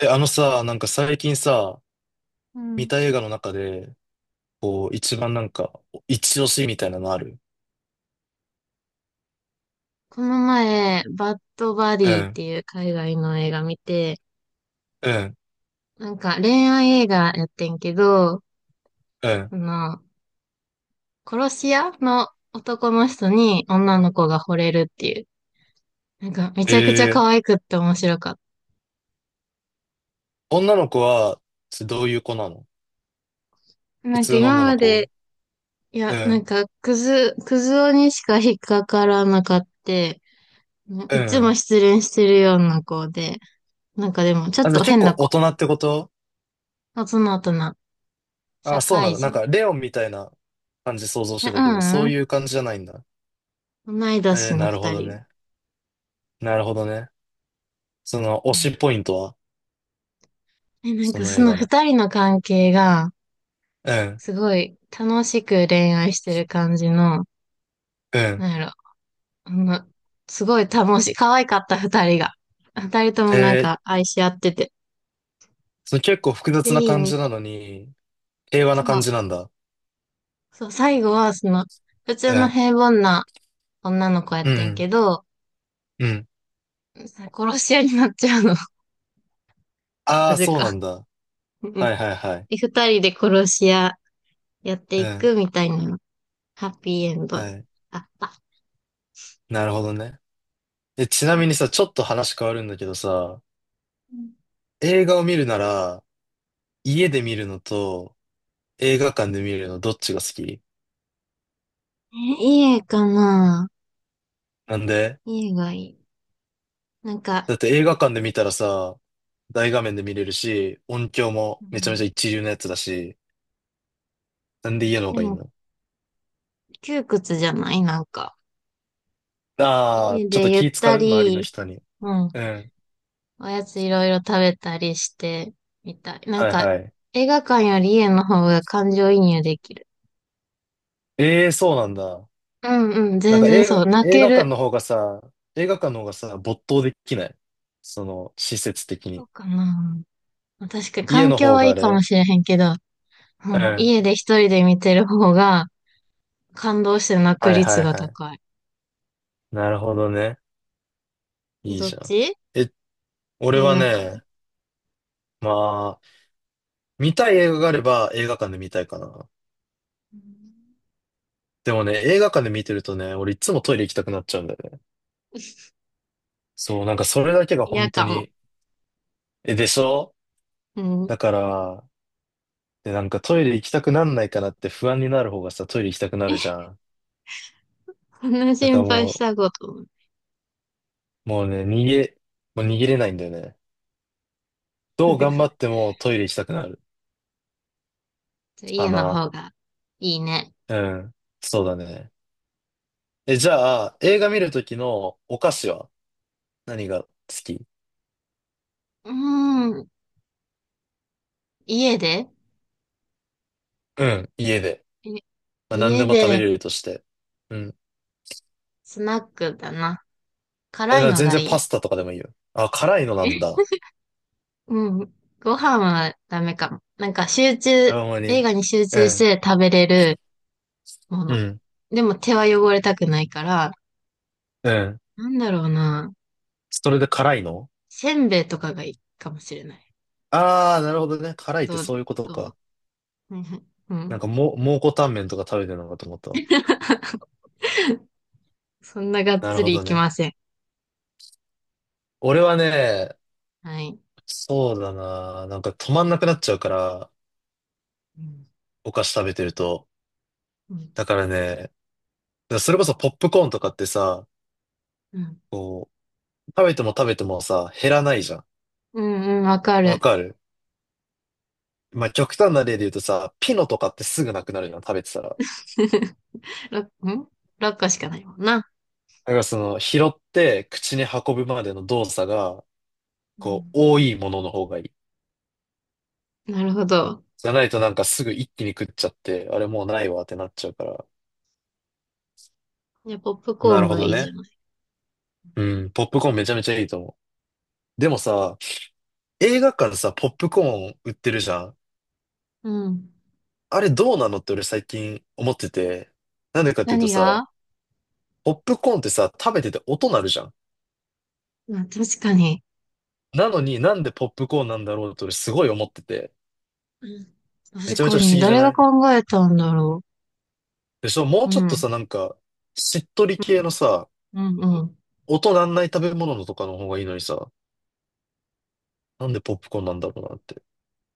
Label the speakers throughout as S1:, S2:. S1: え、あのさ、なんか最近さ、
S2: う
S1: 見
S2: ん。
S1: た映画の中で、こう、一番なんか、一押しみたいなのある？
S2: この前、バッドバデ
S1: う
S2: ィっ
S1: ん、
S2: ていう海外の映画見て、
S1: うん、
S2: なんか恋愛映画やってんけど、
S1: うん。
S2: あの、殺し屋の男の人に女の子が惚れるっていう。なんかめちゃくちゃ可
S1: ええ、
S2: 愛くって面白かっ
S1: 女の子は、ちどういう子なの？
S2: た。な
S1: 普
S2: んか
S1: 通の
S2: 今
S1: 女の
S2: ま
S1: 子？
S2: で、い
S1: う
S2: や、なん
S1: ん、
S2: かクズ男にしか引っかからなかった。
S1: う
S2: いつも
S1: ん。
S2: 失恋してるような子で、なんかでもちょ
S1: あ、
S2: っ
S1: じゃあ
S2: と
S1: 結
S2: 変
S1: 構
S2: な
S1: 大
S2: 子。
S1: 人ってこと？
S2: 大人大人。社
S1: あ、そうなん
S2: 会
S1: だ。なん
S2: 人。
S1: か、レオンみたいな感じ想像し
S2: いや、
S1: てたけど、そ
S2: う
S1: うい
S2: ん
S1: う感じじゃないんだ。
S2: うん、同い
S1: え
S2: 年
S1: ー、
S2: の
S1: なるほ
S2: 二
S1: ど
S2: 人。
S1: ね。なるほどね。その、推
S2: うん。
S1: しポイントは？
S2: え、なん
S1: そ
S2: か
S1: の
S2: そ
S1: 映
S2: の
S1: 画の。
S2: 二人の関係が、
S1: うん、
S2: すごい楽しく恋愛してる感じの、
S1: う
S2: な
S1: ん。
S2: んやろ、あの、すごい楽しい、可愛かった二人が。二人とも
S1: え
S2: なん
S1: ー、
S2: か愛し合ってて、
S1: その結構複雑
S2: ぜ
S1: な
S2: ひ
S1: 感
S2: 見
S1: じな
S2: て。
S1: のに、平和な
S2: そ
S1: 感
S2: う、
S1: じなんだ。
S2: そう、最後は普
S1: う
S2: 通の
S1: ん。
S2: 平凡な女の子やっ
S1: う
S2: てん
S1: ん。
S2: けど、
S1: うん。
S2: 殺し屋になっちゃうの、
S1: あ
S2: な
S1: あ、
S2: ぜ
S1: そう
S2: か。
S1: なんだ。
S2: うん。
S1: はいはいはい。
S2: で、二人で殺し屋やって
S1: う
S2: い
S1: ん。
S2: くみたいな、ハッピーエンド。あっ
S1: はい。
S2: た。
S1: なるほどね。え、ちなみにさ、ちょっと話変わるんだけどさ、映画を見るなら、家で見るのと映画館で見るのどっちが好き？
S2: え、いい絵かな。
S1: なんで？
S2: 家がいい。なんか、
S1: だって映画館で見たらさ、大画面で見れるし、音響
S2: う
S1: もめちゃめち
S2: ん、
S1: ゃ一流のやつだし、なんで家の方
S2: で
S1: がいい
S2: も、
S1: の？
S2: 窮屈じゃないなんか。
S1: ああー、
S2: 家
S1: ちょっ
S2: で
S1: と
S2: ゆっ
S1: 気使
S2: た
S1: う周りの
S2: り、
S1: 人に。
S2: うん、
S1: うん。
S2: おやついろいろ食べたりして、みたい。なん
S1: はい
S2: か、
S1: はい。
S2: 映画館より家の方が感情移入できる。
S1: ええー、そうなんだ。
S2: うんうん、
S1: なん
S2: 全
S1: か
S2: 然
S1: 映
S2: そう。
S1: 画、
S2: 泣
S1: 映
S2: け
S1: 画館
S2: る。
S1: の方がさ、映画館の方がさ、没頭できない。その、施設的
S2: そう
S1: に。
S2: かな。確かに
S1: 家
S2: 環
S1: の
S2: 境
S1: 方
S2: はい
S1: があ
S2: いかも
S1: れ？
S2: しれへんけど、う
S1: う
S2: ん、
S1: ん。
S2: 家で一人で見てる方が感動して泣く
S1: はいは
S2: 率
S1: い
S2: が
S1: はい。
S2: 高い。
S1: なるほどね。
S2: え、
S1: いい
S2: どっ
S1: じゃん。
S2: ち？
S1: え、俺
S2: 映
S1: は
S2: 画館。
S1: ね、まあ、見たい映画があれば映画館で見たいかな。
S2: うん、
S1: でもね、映画館で見てるとね、俺いつもトイレ行きたくなっちゃうんだよね。そう、なんかそれだけが
S2: 嫌
S1: 本当
S2: かも。
S1: に、え、でしょ？
S2: う
S1: だ
S2: ん。
S1: から、で、なんかトイレ行きたくなんないかなって不安になる方がさ、トイレ行きたくなる じゃん。
S2: そんな
S1: だか
S2: 心
S1: ら
S2: 配
S1: も
S2: し
S1: う、
S2: たこと。
S1: もうね、もう逃げれないんだよね。どう頑張って もトイレ行きたくなる。か
S2: 家の
S1: な。
S2: 方がいいね。
S1: うん。そうだね。え、じゃあ、映画見るときのお菓子は何が好き？
S2: うーん。家で
S1: うん。家で。
S2: え
S1: まあ、何で
S2: 家
S1: も食べ
S2: で
S1: れるとして。うん。
S2: スナックだな。辛いの
S1: 全
S2: が
S1: 然
S2: い
S1: パ
S2: い。
S1: スタとかでもいいよ。あ、辛いのなん
S2: え、
S1: だ。
S2: うん。ご飯はダメかも。なんか
S1: あ、ほんまに。
S2: 映画に集
S1: う
S2: 中し
S1: ん。
S2: て食べれるも
S1: う
S2: の。
S1: ん。
S2: でも手は汚れたくないから、
S1: うん。
S2: なんだろうな。
S1: それで辛いの？
S2: せんべいとかがいいかもしれない。
S1: ああー、なるほどね。辛いっ
S2: ど
S1: て
S2: う
S1: そうい
S2: で、
S1: うこと
S2: どう
S1: か。
S2: うん。う
S1: なん
S2: ん。
S1: かもう、蒙古タンメンとか食べてるのかと思ったわ。
S2: そんながっ
S1: なる
S2: つ
S1: ほ
S2: りい
S1: ど
S2: き
S1: ね。
S2: ません。
S1: 俺はね、
S2: はい。
S1: そうだな。なんか止まんなくなっちゃうから、
S2: うん
S1: お菓子食べてると。
S2: うん
S1: だからね、それこそポップコーンとかってさ、
S2: うん。
S1: こう、食べても食べてもさ、減らないじゃん。
S2: うんうん、わか
S1: わ
S2: る。
S1: かる？まあ、極端な例で言うとさ、ピノとかってすぐなくなるの、食べてたら。だ
S2: 6、ん ?6 個しかないもんな。
S1: からその、拾って口に運ぶまでの動作が、
S2: う
S1: こう、
S2: ん。
S1: 多いものの方がいい。
S2: なるほど。
S1: じゃないとなんかすぐ一気に食っちゃって、あれもうないわってなっちゃうから。
S2: いや、ポップコー
S1: な
S2: ン
S1: るほ
S2: が
S1: ど
S2: いいじゃ
S1: ね。
S2: ない。
S1: うん、ポップコーンめちゃめちゃいいと思う。でもさ、映画館さ、ポップコーン売ってるじゃん。
S2: うん。
S1: あれどうなのって俺最近思ってて。なんでかっていう
S2: 何
S1: とさ、
S2: が？
S1: ポップコーンってさ、食べてて音鳴るじゃん。
S2: まあ、確かに。
S1: なのになんでポップコーンなんだろうって俺すごい思ってて。
S2: うん。
S1: め
S2: 確
S1: ちゃめち
S2: か
S1: ゃ不
S2: に。
S1: 思議じゃ
S2: 誰
S1: な
S2: が
S1: い？
S2: 考えたんだろ
S1: でしょ？もう
S2: う。う
S1: ちょっと
S2: ん。
S1: さ、なんか、しっとり
S2: う
S1: 系の
S2: ん。
S1: さ、
S2: うんうん。
S1: 音なんない食べ物のとかの方がいいのにさ、なんでポップコーンなんだろうなって。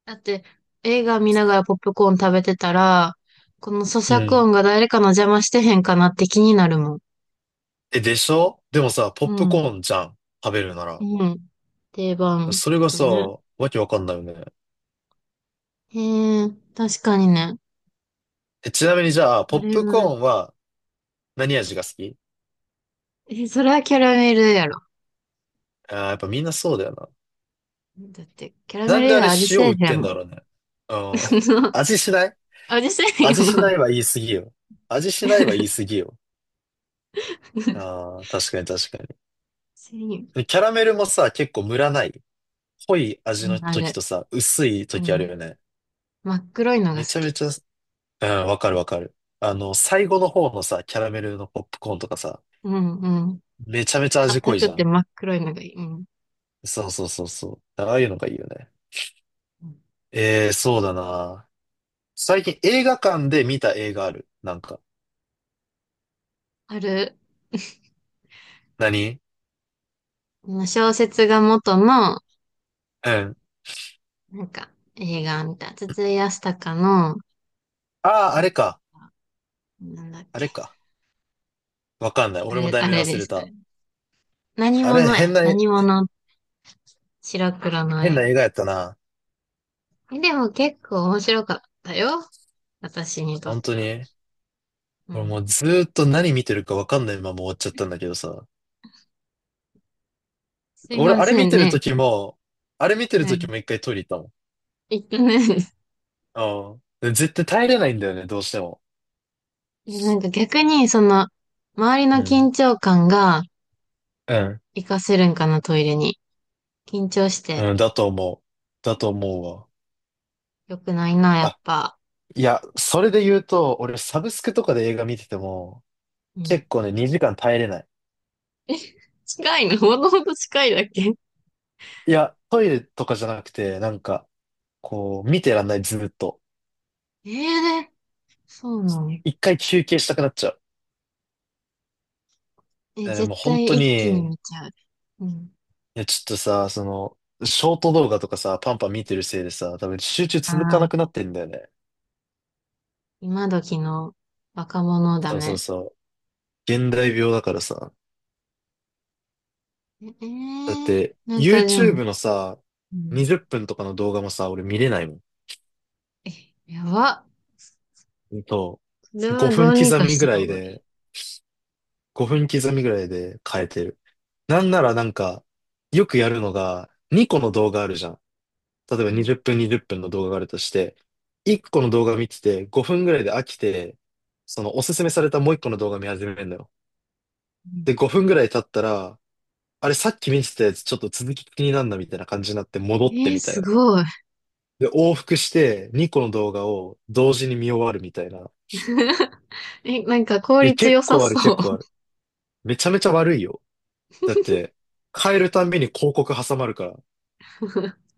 S2: だって、映画見ながらポップコーン食べてたら、この咀
S1: う
S2: 嚼
S1: ん。
S2: 音が誰かの邪魔してへんかなって気になるもん。
S1: え、でしょ？でもさ、ポッ
S2: う
S1: プ
S2: ん。
S1: コーンじゃん。食べるなら。
S2: うん。定番
S1: それが
S2: だ
S1: さ、
S2: ね。
S1: わけわかんないよね。
S2: へえ、確かにね。
S1: え、ちなみにじゃあ、ポ
S2: あ
S1: ッ
S2: れ
S1: プ
S2: が
S1: コーンは、何味が好き？
S2: え、それはキャラメルやろ。
S1: ああー、やっぱみんなそうだよな。
S2: だって、キャラ
S1: な
S2: メ
S1: ん
S2: ル
S1: で
S2: 以
S1: あ
S2: 外
S1: れ
S2: 味
S1: 塩
S2: せえ
S1: 売っ
S2: へん
S1: てん
S2: もん。
S1: だろうね。うん。味しない？
S2: 味せえへんよ
S1: 味し
S2: な。
S1: ないは言い過ぎよ。味しないは言い過ぎよ。ああ、確かに確かに。
S2: せえへ
S1: で
S2: ん。
S1: キャラメルもさ、結構ムラない？濃い味
S2: う
S1: の
S2: ん、あ
S1: 時
S2: れ。
S1: とさ、薄い
S2: う
S1: 時ある
S2: ん。
S1: よね。
S2: 真っ黒いのが好
S1: めちゃ
S2: き。
S1: めちゃ、うん、わかるわかる。あの、最後の方のさ、キャラメルのポップコーンとかさ、
S2: うんうん。
S1: めちゃめちゃ味濃
S2: 硬
S1: いじ
S2: く
S1: ゃ
S2: て
S1: ん。
S2: 真っ黒いのがいい。うん。
S1: そうそうそうそう。ああいうのがいいよね。
S2: うん、
S1: ええー、そうだな。最近映画館で見た映画ある？なんか。
S2: ある、
S1: 何？
S2: 小説が元の、
S1: うん。
S2: なんか、映画みたいな。筒井康隆の、
S1: ああ、あれか。
S2: なんだっ
S1: あ
S2: け。
S1: れか。わかんない。
S2: あ
S1: 俺も
S2: れ、
S1: 題
S2: あ
S1: 名
S2: れ
S1: 忘
S2: で
S1: れ
S2: す。あ
S1: た。
S2: れ何
S1: あれ、
S2: 者
S1: 変
S2: や。
S1: な、
S2: 何者。白黒の
S1: 変
S2: 映
S1: な
S2: 画。
S1: 映画やったな。
S2: え、でも結構面白かったよ。私にとっ
S1: 本当
S2: ては。
S1: に。
S2: う
S1: 俺
S2: ん。
S1: もうずーっと何見てるかわかんないまま終わっちゃったんだけどさ。
S2: すい
S1: 俺、
S2: ま
S1: あれ
S2: せ
S1: 見
S2: ん
S1: てる
S2: ね。
S1: 時も、あれ見てる
S2: はい。
S1: 時も一回トイレ行っ
S2: えっとね、
S1: たもん。うん。で絶対耐えれないんだよね、どうしても。
S2: え、なんか逆に、周りの
S1: う
S2: 緊
S1: ん。
S2: 張感が
S1: うん。
S2: 活かせるんかな、トイレに。緊張して
S1: うん、だと思う。だと思うわ。
S2: 良くないな、やっ
S1: あ、
S2: ぱ。
S1: いや、それで言うと、俺サブスクとかで映画見てても、
S2: うん。
S1: 結構ね、2時間耐えれない。
S2: 近いのほどほど近いだっけ？
S1: いや、トイレとかじゃなくて、なんか、こう、見てらんない、ずっと。
S2: ええ、そうなの。
S1: 一回休憩したくなっちゃう。
S2: え、
S1: だからねも
S2: 絶
S1: う本
S2: 対
S1: 当
S2: 一気に
S1: に、い
S2: 見ちゃう。うん。
S1: や、ちょっとさ、その、ショート動画とかさ、パンパン見てるせいでさ、多分集中続か
S2: あ
S1: なくな
S2: あ、
S1: ってんだよね。
S2: 今時の若者だ
S1: そうそう
S2: ね。
S1: そう。現代病だからさ。
S2: ええ
S1: だっ
S2: ー、
S1: て、
S2: なんかでも、
S1: YouTube のさ、
S2: うん。
S1: 20分とかの動画もさ、俺見れないもん。
S2: え、やば。
S1: そ
S2: これ
S1: う。5
S2: はど
S1: 分
S2: うに
S1: 刻
S2: か
S1: み
S2: し
S1: ぐ
S2: た
S1: ら
S2: 方
S1: い
S2: がい
S1: で、
S2: い。
S1: 5分刻みぐらいで変えてる。なんならなんか、よくやるのが、2個の動画あるじゃん。例えば
S2: う
S1: 20分20分の動画があるとして、1個の動画見てて5分ぐらいで飽きて、そのおすすめされたもう1個の動画見始めるのよ。で、
S2: ん。
S1: 5分ぐらい経ったら、あれさっき見てたやつちょっと続き気になんなみたいな感じになって戻ってみたい
S2: す
S1: な。
S2: ごい。
S1: で、往復して2個の動画を同時に見終わるみたいな。
S2: え、なんか効
S1: いや、
S2: 率
S1: 結
S2: 良さ
S1: 構ある
S2: そう。
S1: 結構ある。めちゃめちゃ悪いよ。だって、変えるたんびに広告挟まるから、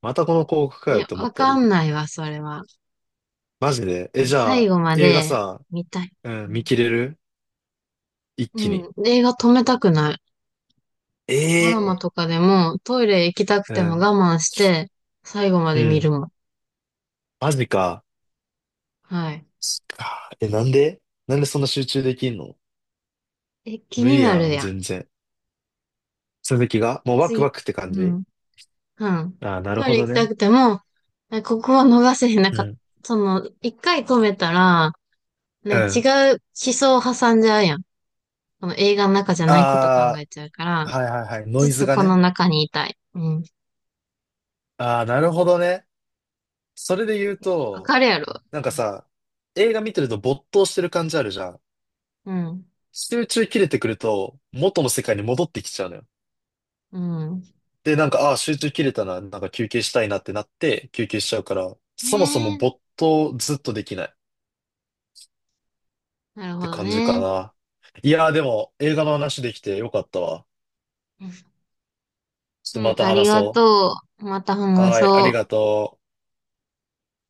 S1: またこの広告かよ
S2: え、
S1: って思っ
S2: わ
S1: た
S2: か
S1: り。
S2: んないわ、それは。
S1: マジで。え、
S2: もう
S1: じゃ
S2: 最
S1: あ、
S2: 後ま
S1: 映画
S2: で
S1: さ、
S2: 見たい。
S1: う
S2: う
S1: ん、見
S2: ん。
S1: 切れる？一
S2: う
S1: 気に。
S2: ん、映画止めたくない。ドラマ
S1: ええ、
S2: とかでもトイレ行きたく
S1: う
S2: ても
S1: ん。
S2: 我慢して最後ま
S1: う
S2: で見る
S1: ん。
S2: もん。
S1: マジか。
S2: はい。
S1: そっか。え、なんでそんな集中できんの？
S2: え、気
S1: 無
S2: に
S1: 理
S2: な
S1: や
S2: る
S1: ん、
S2: やん。
S1: 全然。続きがもうワク
S2: 次。
S1: ワクって感
S2: う
S1: じ？
S2: ん。うん。
S1: ああー、なる
S2: トイ
S1: ほ
S2: レ
S1: ど
S2: 行き
S1: ね。
S2: たくても、ここは逃せへん。なん
S1: う
S2: か、
S1: ん。
S2: 一回止めたら、
S1: う
S2: ね、違
S1: ん。
S2: う思想を挟んじゃうやん。その映画の中じゃないこと考
S1: あ
S2: えちゃうから、
S1: あ、はいはいはい。ノ
S2: ずっ
S1: イズ
S2: と
S1: が
S2: この
S1: ね。
S2: 中にいたい。うん。
S1: ああ、なるほどね。それで言う
S2: わ
S1: と、
S2: かるやろ。
S1: なんかさ、映画見てると没頭してる感じあるじゃん。
S2: うん。
S1: 集中切れてくると、元の世界に戻ってきちゃうのよ。
S2: うん。うん
S1: で、なんか、ああ、集中切れたな、なんか休憩したいなってなって、休憩しちゃうから、
S2: ね
S1: そもそも
S2: え。
S1: 没頭ずっとできないっ
S2: なるほ
S1: て
S2: ど
S1: 感じか
S2: ね。
S1: な。いやー、でも、映画の話できてよかったわ。ちょっと
S2: う
S1: ま
S2: ん、
S1: た
S2: あり
S1: 話
S2: が
S1: そ
S2: とう。また
S1: う。
S2: 話
S1: はーい、あり
S2: そ
S1: が
S2: う。
S1: とう。